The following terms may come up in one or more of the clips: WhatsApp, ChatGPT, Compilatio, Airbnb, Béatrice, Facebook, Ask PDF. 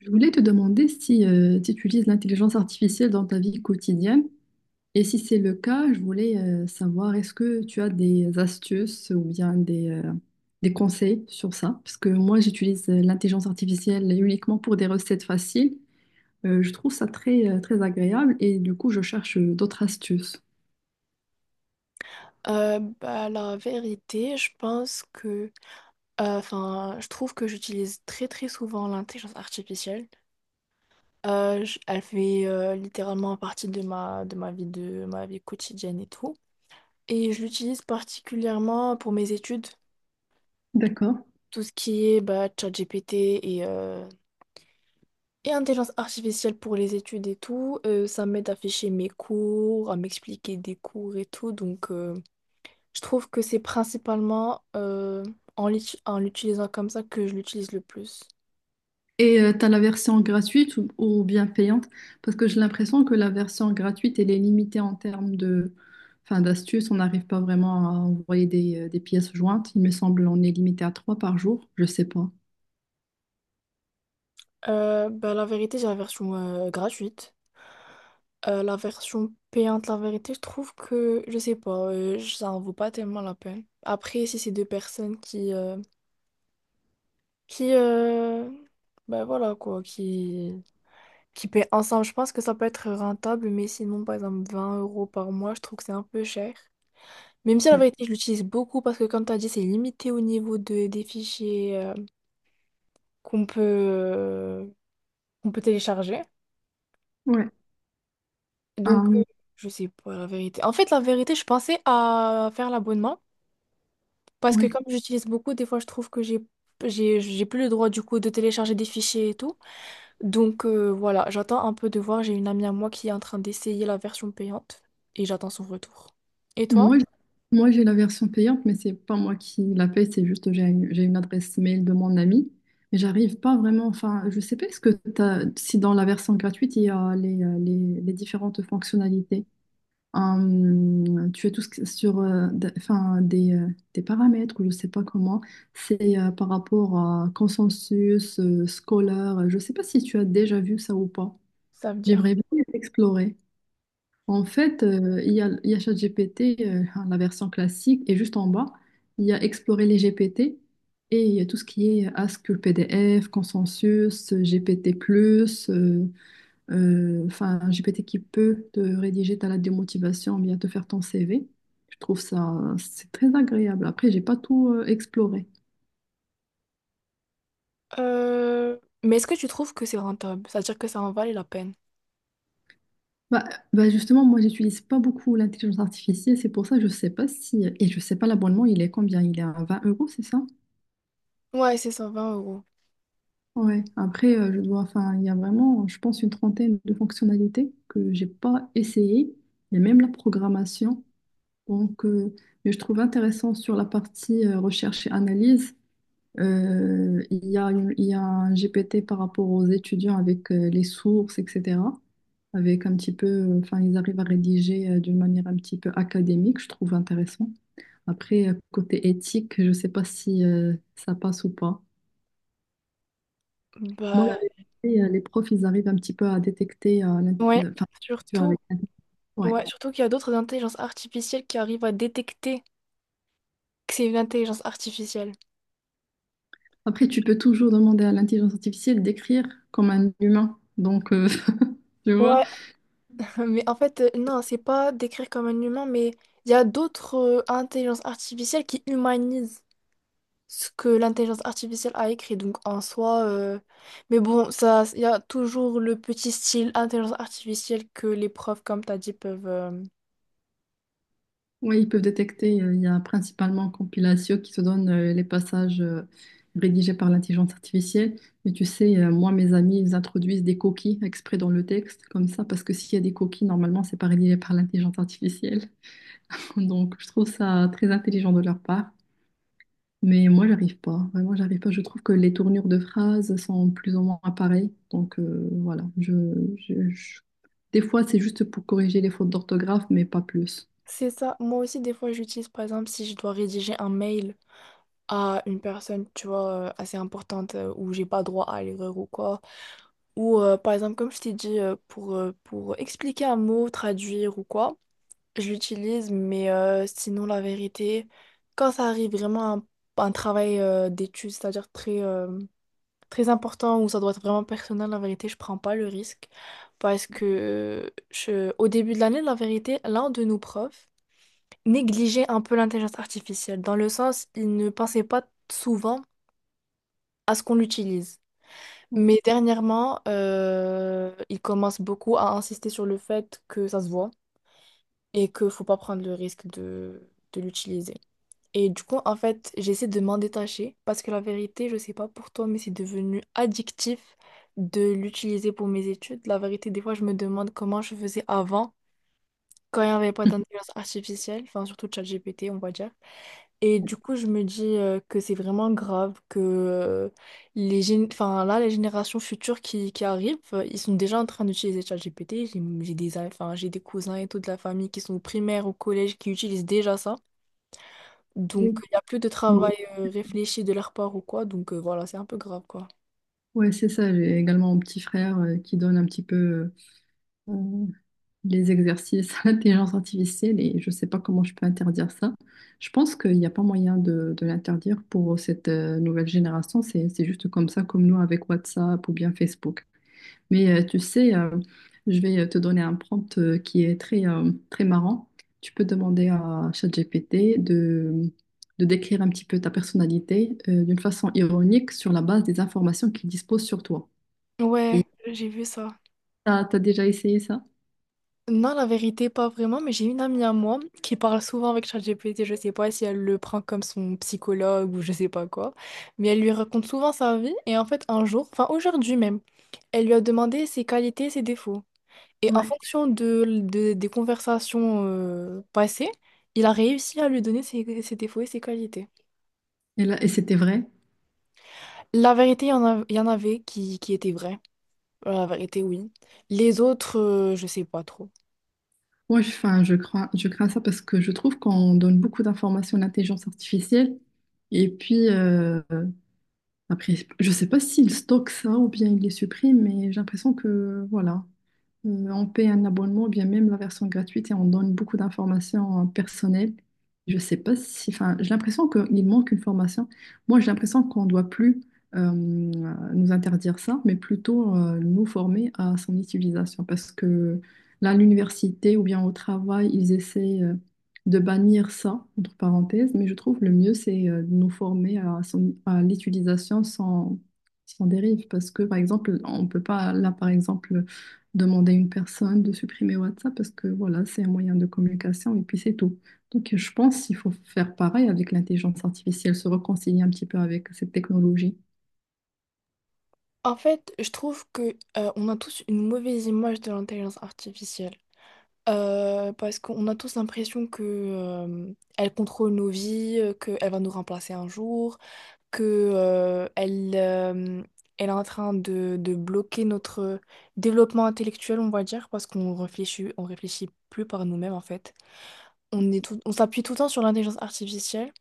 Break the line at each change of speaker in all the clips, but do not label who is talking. Je voulais te demander si, si tu utilises l'intelligence artificielle dans ta vie quotidienne. Et si c'est le cas, je voulais savoir est-ce que tu as des astuces ou bien des conseils sur ça? Parce que moi, j'utilise l'intelligence artificielle uniquement pour des recettes faciles. Je trouve ça très, très agréable et du coup, je cherche d'autres astuces.
La vérité, je pense que, je trouve que j'utilise très très souvent l'intelligence artificielle. Elle fait littéralement partie de ma vie quotidienne et tout. Et je l'utilise particulièrement pour mes études,
D'accord.
tout ce qui est ChatGPT et euh, et intelligence artificielle pour les études et tout. Ça m'aide à ficher mes cours, à m'expliquer des cours et tout, donc. Je trouve que c'est principalement en l'utilisant comme ça que je l'utilise le plus.
Et t'as la version gratuite ou bien payante, parce que j'ai l'impression que la version gratuite, elle est limitée en termes de, enfin, d'astuces. On n'arrive pas vraiment à envoyer des pièces jointes. Il me semble on est limité à 3 par jour. Je sais pas.
La vérité, j'ai la version gratuite. La version payante, la vérité, je trouve que, je sais pas, ça en vaut pas tellement la peine. Après, si c'est deux personnes qui, voilà quoi, qui paient ensemble, je pense que ça peut être rentable, mais sinon, par exemple, 20 € par mois, je trouve que c'est un peu cher. Même si la
Ouais.
vérité, je l'utilise beaucoup parce que, comme tu as dit, c'est limité au niveau de, des fichiers qu'on peut, euh, qu'on peut télécharger.
Ouais.
Donc,
Euh,
je sais pas la vérité. En fait, la vérité, je pensais à faire l'abonnement parce que
ouais.
comme j'utilise beaucoup, des fois, je trouve que j'ai j'ai plus le droit du coup de télécharger des fichiers et tout. Donc, voilà, j'attends un peu de voir. J'ai une amie à moi qui est en train d'essayer la version payante et j'attends son retour. Et
Moi,
toi?
j- Moi, j'ai la version payante, mais c'est pas moi qui la paye. C'est juste j'ai une adresse mail de mon ami, mais j'arrive pas vraiment. Enfin, je sais pas. Est-ce que t'as, si dans la version gratuite, il y a les différentes fonctionnalités. Tu as tout ce que- sur enfin, des paramètres ou je sais pas comment, c'est par rapport à consensus scolaire. Je sais pas si tu as déjà vu ça ou pas.
Ça veut dire.
J'aimerais bien explorer. En fait, il y a ChatGPT, hein, la version classique, et juste en bas, il y a explorer les GPT et il y a tout ce qui est Ask PDF, consensus, GPT+, enfin, un GPT qui peut te rédiger ta lettre de motivation, bien te faire ton CV. Je trouve ça, c'est très agréable. Après, j'ai pas tout exploré.
Mais est-ce que tu trouves que c'est rentable? C'est-à-dire que ça en valait la peine?
Bah, bah justement, moi, j'utilise pas beaucoup l'intelligence artificielle, c'est pour ça que je sais pas si, et je sais pas l'abonnement, il est combien? Il est à 20 euros, c'est ça?
Ouais, c'est cent vingt euros.
Ouais. Après, enfin, il y a vraiment, je pense, une trentaine de fonctionnalités que j'ai pas essayées, il y a même la programmation. Donc, mais je trouve intéressant sur la partie recherche et analyse. Il y a un GPT par rapport aux étudiants avec les sources, etc. Avec un petit peu, enfin, ils arrivent à rédiger d'une manière un petit peu académique, je trouve intéressant. Après, côté éthique, je ne sais pas si ça passe ou pas. Moi, la
Bah,
vérité, les profs, ils arrivent un petit peu à détecter,
ouais.
enfin, tu vois,
Surtout
avec- ouais.
ouais, surtout qu'il y a d'autres intelligences artificielles qui arrivent à détecter que c'est une intelligence artificielle.
Après, tu peux toujours demander à l'intelligence artificielle d'écrire comme un humain. Donc, tu vois.
Ouais, mais en fait, non, c'est pas décrire comme un humain, mais il y a d'autres intelligences artificielles qui humanisent ce que l'intelligence artificielle a écrit. Donc en soi, mais bon, ça, il y a toujours le petit style intelligence artificielle que les profs, comme t'as dit, peuvent.
Oui, ils peuvent détecter. Il y a principalement Compilatio qui te donne les passages rédigés par l'intelligence artificielle. Mais tu sais, moi, mes amis, ils introduisent des coquilles exprès dans le texte, comme ça, parce que s'il y a des coquilles, normalement, c'est pas rédigé par l'intelligence artificielle. Donc, je trouve ça très intelligent de leur part. Mais moi, j'arrive pas. Vraiment, j'arrive pas. Je trouve que les tournures de phrases sont plus ou moins pareilles. Donc, voilà. Je- je- Des fois, c'est juste pour corriger les fautes d'orthographe, mais pas plus.
C'est ça. Moi aussi, des fois, j'utilise, par exemple, si je dois rédiger un mail à une personne, tu vois, assez importante, où j'ai pas droit à l'erreur ou quoi. Ou par exemple, comme je t'ai dit, pour expliquer un mot, traduire ou quoi, je l'utilise, mais sinon, la vérité, quand ça arrive vraiment à un travail d'étude, c'est-à-dire très important, où ça doit être vraiment personnel, la vérité, je prends pas le risque. Parce que je- au début de l'année, la vérité, l'un de nos profs négligeait un peu l'intelligence artificielle, dans le sens, il ne pensait pas souvent à ce qu'on l'utilise. Mais dernièrement, il commence beaucoup à insister sur le fait que ça se voit et qu'il faut pas prendre le risque de l'utiliser. Et du coup, en fait, j'essaie de m'en détacher parce que la vérité, je sais pas pour toi, mais c'est devenu addictif de l'utiliser pour mes études. La vérité, des fois, je me demande comment je faisais avant quand il n'y avait pas d'intelligence artificielle, enfin surtout ChatGPT, on va dire. Et du coup, je me dis que c'est vraiment grave que enfin, là, les générations futures qui arrivent, ils sont déjà en train d'utiliser ChatGPT. J'ai des, enfin, j'ai des cousins et toute la famille qui sont au primaire, au collège, qui utilisent déjà ça. Donc,
Oui.
il n'y a plus de travail réfléchi de leur part ou quoi. Donc, voilà, c'est un peu grave, quoi.
Ouais, c'est ça. J'ai également mon petit frère qui donne un petit peu euh, les exercices à l'intelligence artificielle et je sais pas comment je peux interdire ça. Je pense qu'il n'y a pas moyen de l'interdire pour cette nouvelle génération. C'est juste comme ça, comme nous avec WhatsApp ou bien Facebook. Mais tu sais, je vais te donner un prompt qui est très, très marrant. Tu peux demander à ChatGPT de décrire un petit peu ta personnalité d'une façon ironique sur la base des informations qu'il dispose sur toi.
Ouais, j'ai vu ça.
Ah, t'as déjà essayé ça?
Non, la vérité, pas vraiment, mais j'ai une amie à moi qui parle souvent avec ChatGPT, je sais pas si elle le prend comme son psychologue ou je sais pas quoi, mais elle lui raconte souvent sa vie et en fait un jour, enfin aujourd'hui même, elle lui a demandé ses qualités, ses défauts. Et en
Ouais.
fonction des conversations passées, il a réussi à lui donner ses, ses défauts et ses qualités.
Et là, et c'était vrai?
La vérité, il y en avait qui étaient vraies. La vérité, oui. Les autres, je sais pas trop.
Enfin, je crains ça parce que je trouve qu'on donne beaucoup d'informations à l'intelligence artificielle. Et puis, après, je sais pas s'il stocke ça ou bien il les supprime, mais j'ai l'impression que, voilà. On paye un abonnement, ou bien même la version gratuite, et on donne beaucoup d'informations personnelles. Je sais pas si, enfin, j'ai l'impression qu'il manque une formation. Moi, j'ai l'impression qu'on doit plus nous interdire ça, mais plutôt nous former à son utilisation. Parce que là, à l'université ou bien au travail, ils essaient de bannir ça, entre parenthèses, mais je trouve le mieux, c'est de nous former à, à l'utilisation sans, sans dérive. Parce que, par exemple, on peut pas, là, par exemple, demander à une personne de supprimer WhatsApp parce que voilà, c'est un moyen de communication et puis c'est tout. Donc je pense qu'il faut faire pareil avec l'intelligence artificielle, se réconcilier un petit peu avec cette technologie.
En fait, je trouve que on a tous une mauvaise image de l'intelligence artificielle. Parce qu'on a tous l'impression que elle contrôle nos vies, qu'elle va nous remplacer un jour. que euh, elle, euh, Elle est en train de bloquer notre développement intellectuel, on va dire, parce qu'on réfléchit, on réfléchit plus par nous-mêmes en fait. On s'appuie tout le temps sur l'intelligence artificielle.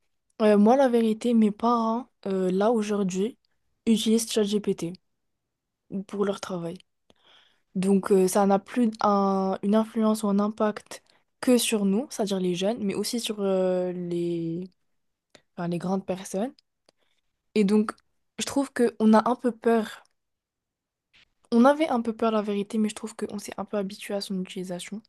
Moi, la vérité, mes parents, là aujourd'hui, utilisent ChatGPT pour leur travail. Donc, ça n'a plus une influence ou un impact que sur nous, c'est-à-dire les jeunes, mais aussi sur enfin, les grandes personnes. Et donc, je trouve qu'on a un peu peur. On avait un peu peur, la vérité, mais je trouve qu'on s'est un peu habitué à son utilisation.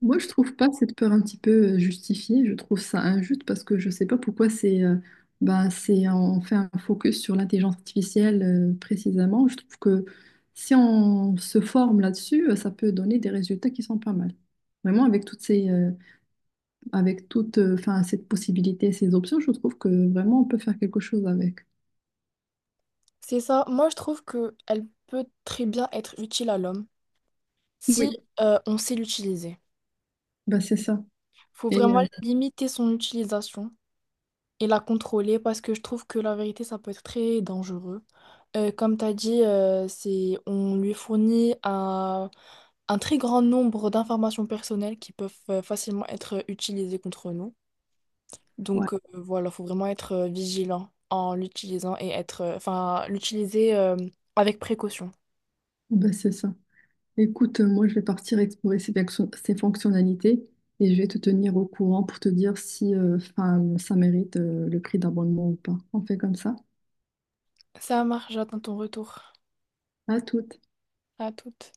Moi, je trouve pas cette peur un petit peu justifiée, je trouve ça injuste parce que je sais pas pourquoi c'est c'est on fait un focus sur l'intelligence artificielle précisément. Je trouve que si on se forme là-dessus, ça peut donner des résultats qui sont pas mal. Vraiment avec toutes ces, avec toute enfin, cette possibilité, ces options, je trouve que vraiment on peut faire quelque chose avec.
C'est ça. Moi, je trouve que elle peut très bien être utile à l'homme si
Oui,
on sait l'utiliser.
bah c'est ça.
Faut
Et
vraiment limiter son utilisation et la contrôler parce que je trouve que la vérité, ça peut être très dangereux. Comme tu as dit, on lui fournit un très grand nombre d'informations personnelles qui peuvent facilement être utilisées contre nous.
ouais,
Donc, voilà, il faut vraiment être vigilant en l'utilisant et enfin, l'utiliser avec précaution.
bah c'est ça. Écoute, moi je vais partir explorer ces, ces fonctionnalités et je vais te tenir au courant pour te dire si enfin, ça mérite le prix d'abonnement ou pas. On fait comme ça.
Ça marche, j'attends ton retour.
À toutes.
À toute.